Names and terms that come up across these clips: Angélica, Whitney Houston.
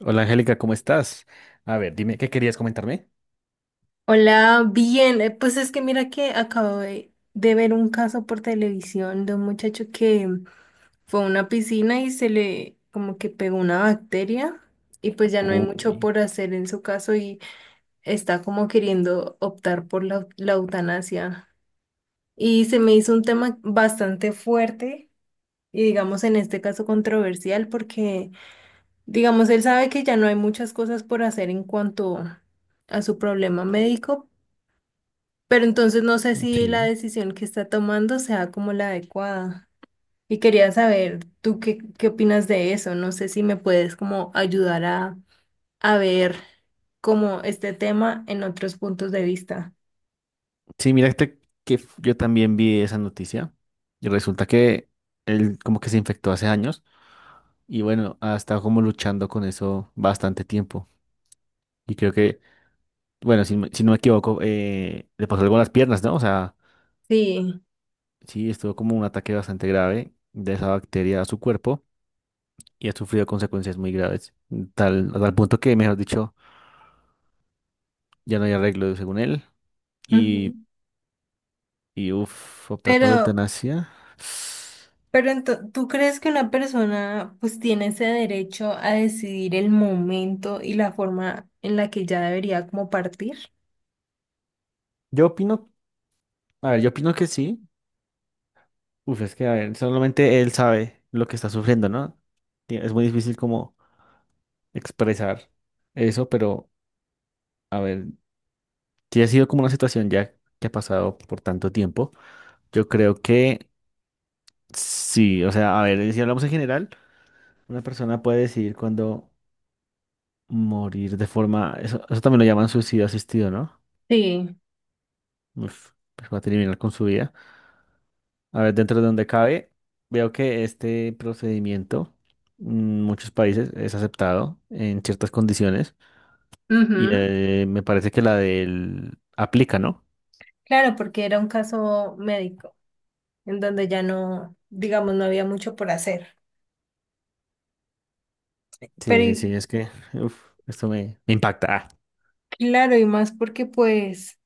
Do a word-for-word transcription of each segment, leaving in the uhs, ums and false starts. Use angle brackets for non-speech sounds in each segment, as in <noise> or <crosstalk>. Hola, Angélica, ¿cómo estás? A ver, dime, ¿qué querías comentarme? Hola, bien. eh, Pues es que mira que acabo de, de ver un caso por televisión de un muchacho que fue a una piscina y se le como que pegó una bacteria, y pues ya no hay mucho Uy, por hacer en su caso y está como queriendo optar por la, la eutanasia. Y se me hizo un tema bastante fuerte y digamos en este caso controversial, porque digamos él sabe que ya no hay muchas cosas por hacer en cuanto a su problema médico, pero entonces no sé si la sí. decisión que está tomando sea como la adecuada. Y quería saber, ¿tú qué, qué opinas de eso? No sé si me puedes como ayudar a, a ver como este tema en otros puntos de vista. Sí, mira este que f- yo también vi esa noticia y resulta que él como que se infectó hace años y bueno, ha estado como luchando con eso bastante tiempo. Y creo que, bueno, si, me- si no me equivoco, eh, le pasó algo a las piernas, ¿no? O sea, Sí. sí, estuvo como un ataque bastante grave de esa bacteria a su cuerpo y ha sufrido consecuencias muy graves, tal, a tal punto que, mejor dicho, ya no hay arreglo según él. Ujú. Y uff, optar por la Pero, eutanasia. pero ento- ¿tú crees que una persona pues tiene ese derecho a decidir el momento y la forma en la que ya debería como partir? Yo opino, a ver, yo opino que sí. Uf, es que, a ver, solamente él sabe lo que está sufriendo, ¿no? Y es muy difícil como expresar eso, pero, a ver, si ha sido como una situación ya que ha pasado por tanto tiempo, yo creo que sí. O sea, a ver, si hablamos en general, una persona puede decidir cuándo morir de forma, eso, eso también lo llaman suicidio asistido, ¿no? Sí. Uf, pues va a terminar con su vida. A ver, dentro de donde cabe, veo que este procedimiento en muchos países es aceptado en ciertas condiciones y Ujú. eh, me parece que la del aplica, ¿no? Claro, porque era un caso médico, en donde ya no, digamos, no había mucho por hacer. Sí, Pero sí, y- sí, es que uf, esto me, me impacta. Ah, claro, y más porque pues,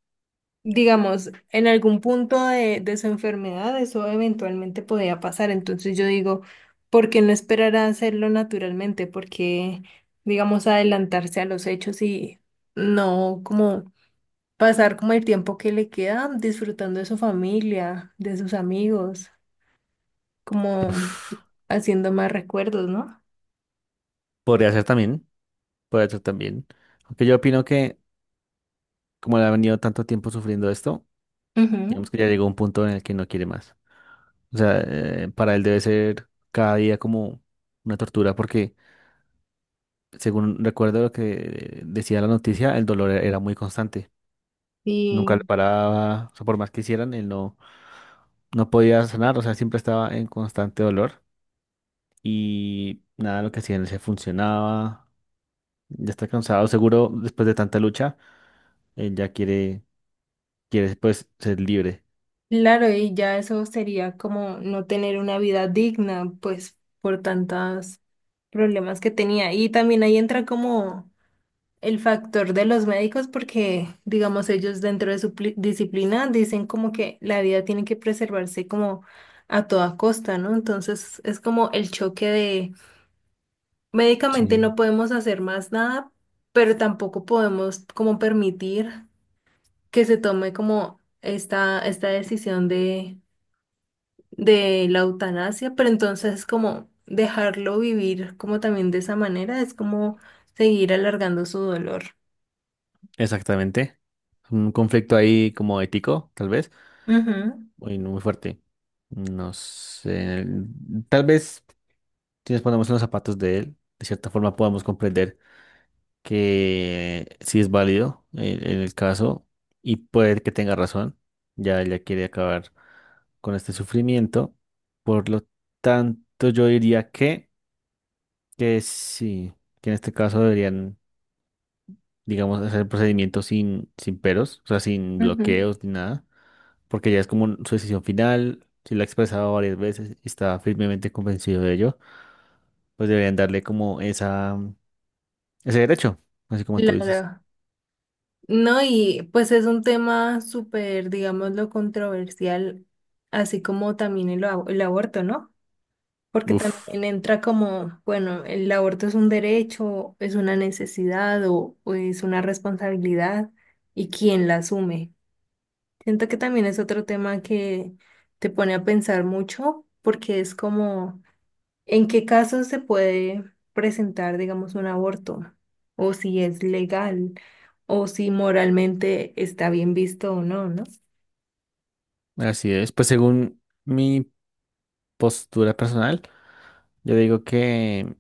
digamos, en algún punto de, de su enfermedad eso eventualmente podía pasar. Entonces yo digo, ¿por qué no esperar a hacerlo naturalmente? Porque, digamos, adelantarse a los hechos y no como pasar como el tiempo que le queda disfrutando de su familia, de sus amigos, como uf. haciendo más recuerdos, ¿no? Podría ser también, podría ser también. Aunque yo opino que como le ha venido tanto tiempo sufriendo esto, Ujú. digamos que ya llegó a un punto en el que no quiere más. O sea, eh, para él debe ser cada día como una tortura porque según recuerdo lo que decía la noticia, el dolor era muy constante. Nunca le Y paraba, o sea, por más que hicieran, él no, no podía sanar, o sea, siempre estaba en constante dolor y nada, lo que hacían se funcionaba. Ya está cansado, seguro después de tanta lucha, él ya quiere, quiere pues ser libre. claro, y ya eso sería como no tener una vida digna, pues por tantos problemas que tenía. Y también ahí entra como el factor de los médicos, porque digamos ellos dentro de su pli- disciplina dicen como que la vida tiene que preservarse como a toda costa, ¿no? Entonces es como el choque de médicamente Sí. no podemos hacer más nada, pero tampoco podemos como permitir que se tome como esta, esta decisión de de la eutanasia, pero entonces como dejarlo vivir como también de esa manera es como seguir alargando su dolor. Exactamente. Un conflicto ahí como ético, tal vez, Ujú. muy, muy fuerte. No sé, tal vez si nos ponemos en los zapatos de él, de cierta forma podamos comprender que sí es válido el, el caso y puede que tenga razón. Ya ella quiere acabar con este sufrimiento. Por lo tanto, yo diría que, que sí, que en este caso deberían, digamos, hacer el procedimiento sin, sin peros, o sea, sin Ujú. bloqueos ni nada, porque ya es como un- su decisión final. Si la ha expresado varias veces y está firmemente convencido de ello, pues deberían darle como esa, ese derecho, así como tú dices. Claro. No, y pues es un tema súper, digámoslo, controversial, así como también el, ab- el aborto, ¿no? Porque Uf. también entra como, bueno, el aborto es un derecho, es una necesidad o, o es una responsabilidad y quién la asume. Siento que también es otro tema que te pone a pensar mucho porque es como en qué casos se puede presentar, digamos, un aborto, o si es legal o si moralmente está bien visto o no, ¿no? Así es. Pues según mi postura personal, yo digo que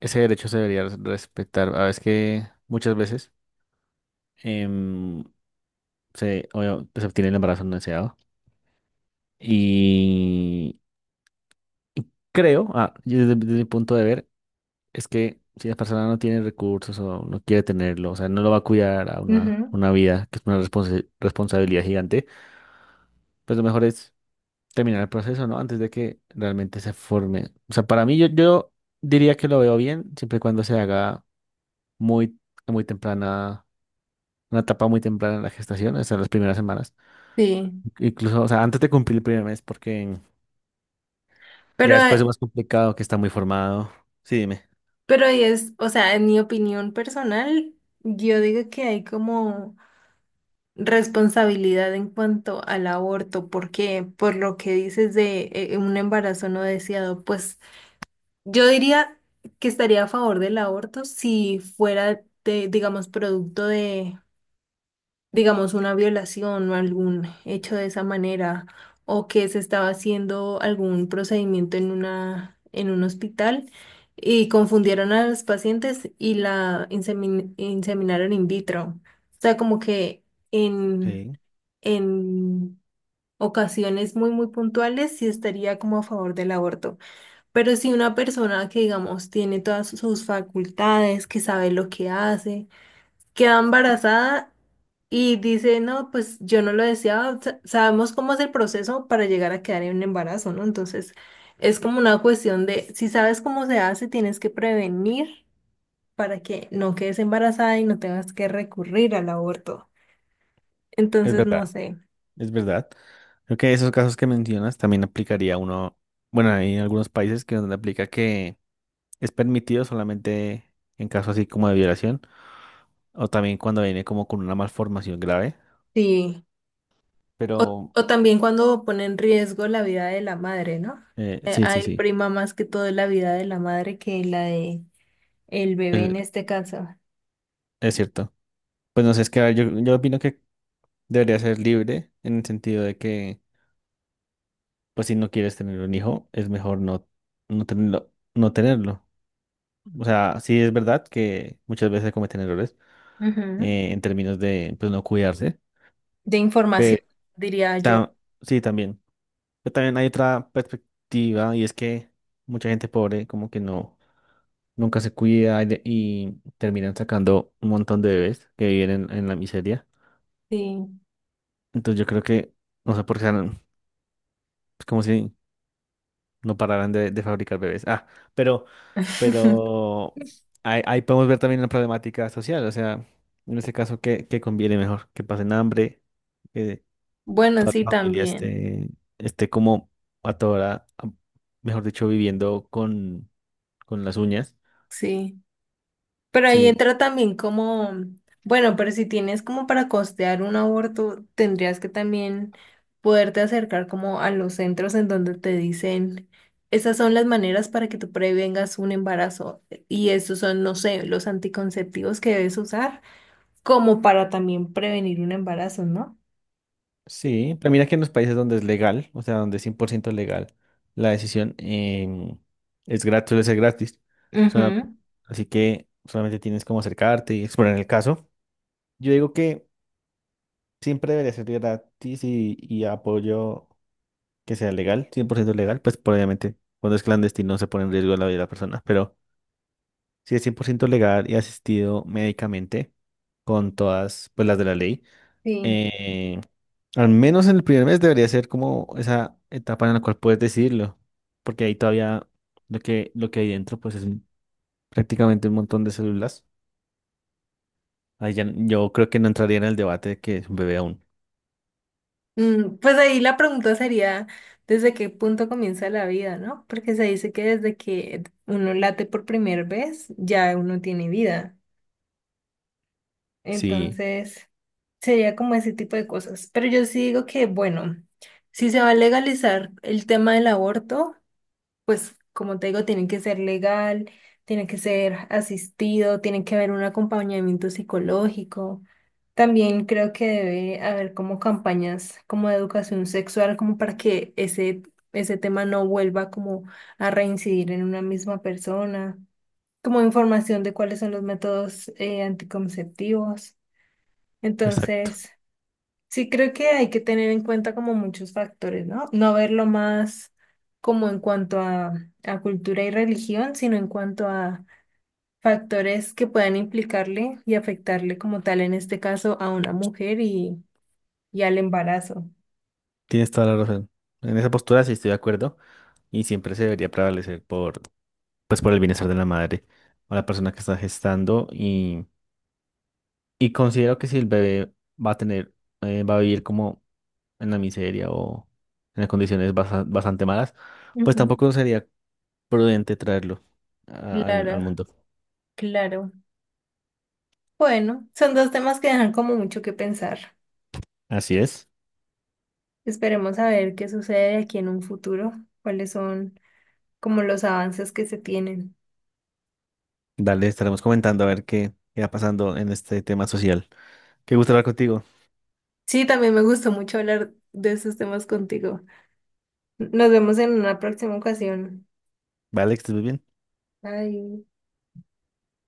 ese derecho se debería res- respetar. A veces que muchas veces em, se, obvio, pues, se obtiene el embarazo no deseado. Y creo, ah, yo desde, desde mi punto de ver, es que si la persona no tiene recursos o no quiere tenerlo, o sea, no lo va a cuidar a una, Ujú. una vida que es una responsa- responsabilidad gigante, pues lo mejor es terminar el proceso, ¿no? Antes de que realmente se forme. O sea, para mí yo, yo diría que lo veo bien, siempre y cuando se haga muy, muy temprana, una etapa muy temprana en la gestación, o sea, las primeras semanas. Sí, Incluso, o sea, antes de cumplir el primer mes, porque ya pero, después es eh, más complicado, que está muy formado. Sí, dime. pero ahí es, o sea, en mi opinión personal, yo digo que hay como responsabilidad en cuanto al aborto, porque por lo que dices de eh, un embarazo no deseado, pues yo diría que estaría a favor del aborto si fuera de, digamos, producto de, digamos, una violación o algún hecho de esa manera, o que se estaba haciendo algún procedimiento en una, en un hospital y confundieron a los pacientes y la insemin- inseminaron in vitro. O sea, como que en, Sí, en ocasiones muy, muy puntuales sí estaría como a favor del aborto. Pero si una persona que, digamos, tiene todas sus facultades, que sabe lo que hace, queda embarazada y dice, no, pues yo no lo deseaba, sa- sabemos cómo es el proceso para llegar a quedar en un embarazo, ¿no? Entonces, es como una cuestión de, si sabes cómo se hace, tienes que prevenir para que no quedes embarazada y no tengas que recurrir al aborto. es Entonces, verdad, no sé, es verdad. Creo que esos casos que mencionas también aplicaría uno, bueno, hay en algunos países que donde aplica que es permitido solamente en caso así como de violación. O también cuando viene como con una malformación grave. sí. O, Pero o también cuando pone en riesgo la vida de la madre, ¿no? eh, Eh, sí, sí, hay sí. prima más que todo la vida de la madre que la de el bebé en el- este caso. es cierto. Pues no sé, es que a ver, yo, yo opino que debería ser libre en el sentido de que, pues si no quieres tener un hijo, es mejor no, no tenerlo, no tenerlo. O sea, sí es verdad que muchas veces cometen errores Ujú. eh, en términos de pues no cuidarse. De información, diría yo. Pero sí, también. Pero también hay otra perspectiva y es que mucha gente pobre como que no. Nunca se cuida y, de- y terminan sacando un montón de bebés que viven en, en la miseria. Sí. Entonces yo creo que, no sé por qué, no- es como si no pararan de, de fabricar bebés. Ah, pero, <laughs> pero ahí, ahí podemos ver también la problemática social, o sea, en ese caso, ¿qué, ¿qué conviene mejor? Que pasen hambre, que Bueno, toda sí, la familia también. esté, esté como a toda hora mejor dicho, viviendo con, con las uñas. Sí. Pero ahí Sí, entra también como, bueno, pero si tienes como para costear un aborto, tendrías que también poderte acercar como a los centros en donde te dicen, esas son las maneras para que tú prevengas un embarazo y estos son, no sé, los anticonceptivos que debes usar como para también prevenir un embarazo, ¿no? sí, pero mira que en los países donde es legal, o sea, donde es cien por ciento legal, la decisión em, es gratis, suele ser gratis. Ujú. Solamente- Así que solamente tienes como acercarte y explorar el caso. Yo digo que siempre debería ser gratis y, y apoyo que sea legal, cien por ciento legal, pues por obviamente cuando es clandestino se pone en riesgo la vida de la persona, pero si es cien por ciento legal y asistido médicamente con todas pues las de la ley. Sí. eh, Al menos en el primer mes debería ser como esa etapa en la cual puedes decidirlo, porque ahí todavía lo que, lo que hay dentro pues es un- prácticamente un montón de células. Ahí ya, n- yo creo que no entraría en el debate de que es un bebé aún. Mm, pues ahí la pregunta sería, ¿desde qué punto comienza la vida, no? Porque se dice que desde que uno late por primera vez, ya uno tiene vida. Sí, Entonces, sería como ese tipo de cosas. Pero yo sí digo que, bueno, si se va a legalizar el tema del aborto, pues como te digo, tienen que ser legal, tienen que ser asistido, tienen que haber un acompañamiento psicológico. También creo que debe haber como campañas como de educación sexual, como para que ese, ese tema no vuelva como a reincidir en una misma persona, como información de cuáles son los métodos eh, anticonceptivos. exacto. Entonces... Sí, creo que hay que tener en cuenta como muchos factores, ¿no? No verlo más como en cuanto a, a cultura y religión, sino en cuanto a factores que puedan implicarle y afectarle como tal, en este caso, a una mujer y, y al embarazo. Tienes toda la razón. En esa postura sí estoy de acuerdo y siempre se debería prevalecer por, pues, por el bienestar de la madre o la persona que está gestando y, y considero que si el bebé va a tener, eh, va a vivir como en la miseria o en las condiciones basa- bastante malas, pues Ujú. tampoco sería prudente traerlo a- al, al Claro, mundo. claro. Bueno, son dos temas que dejan como mucho que pensar. Así es. Esperemos a ver qué sucede de aquí en un futuro, cuáles son como los avances que se tienen. Dale, estaremos comentando a ver qué, qué va pasando en este tema social. Qué gusto hablar contigo. Sí, también me gustó mucho hablar de esos temas contigo. Nos vemos en una próxima ocasión. Vale, que estés muy bien. Bye.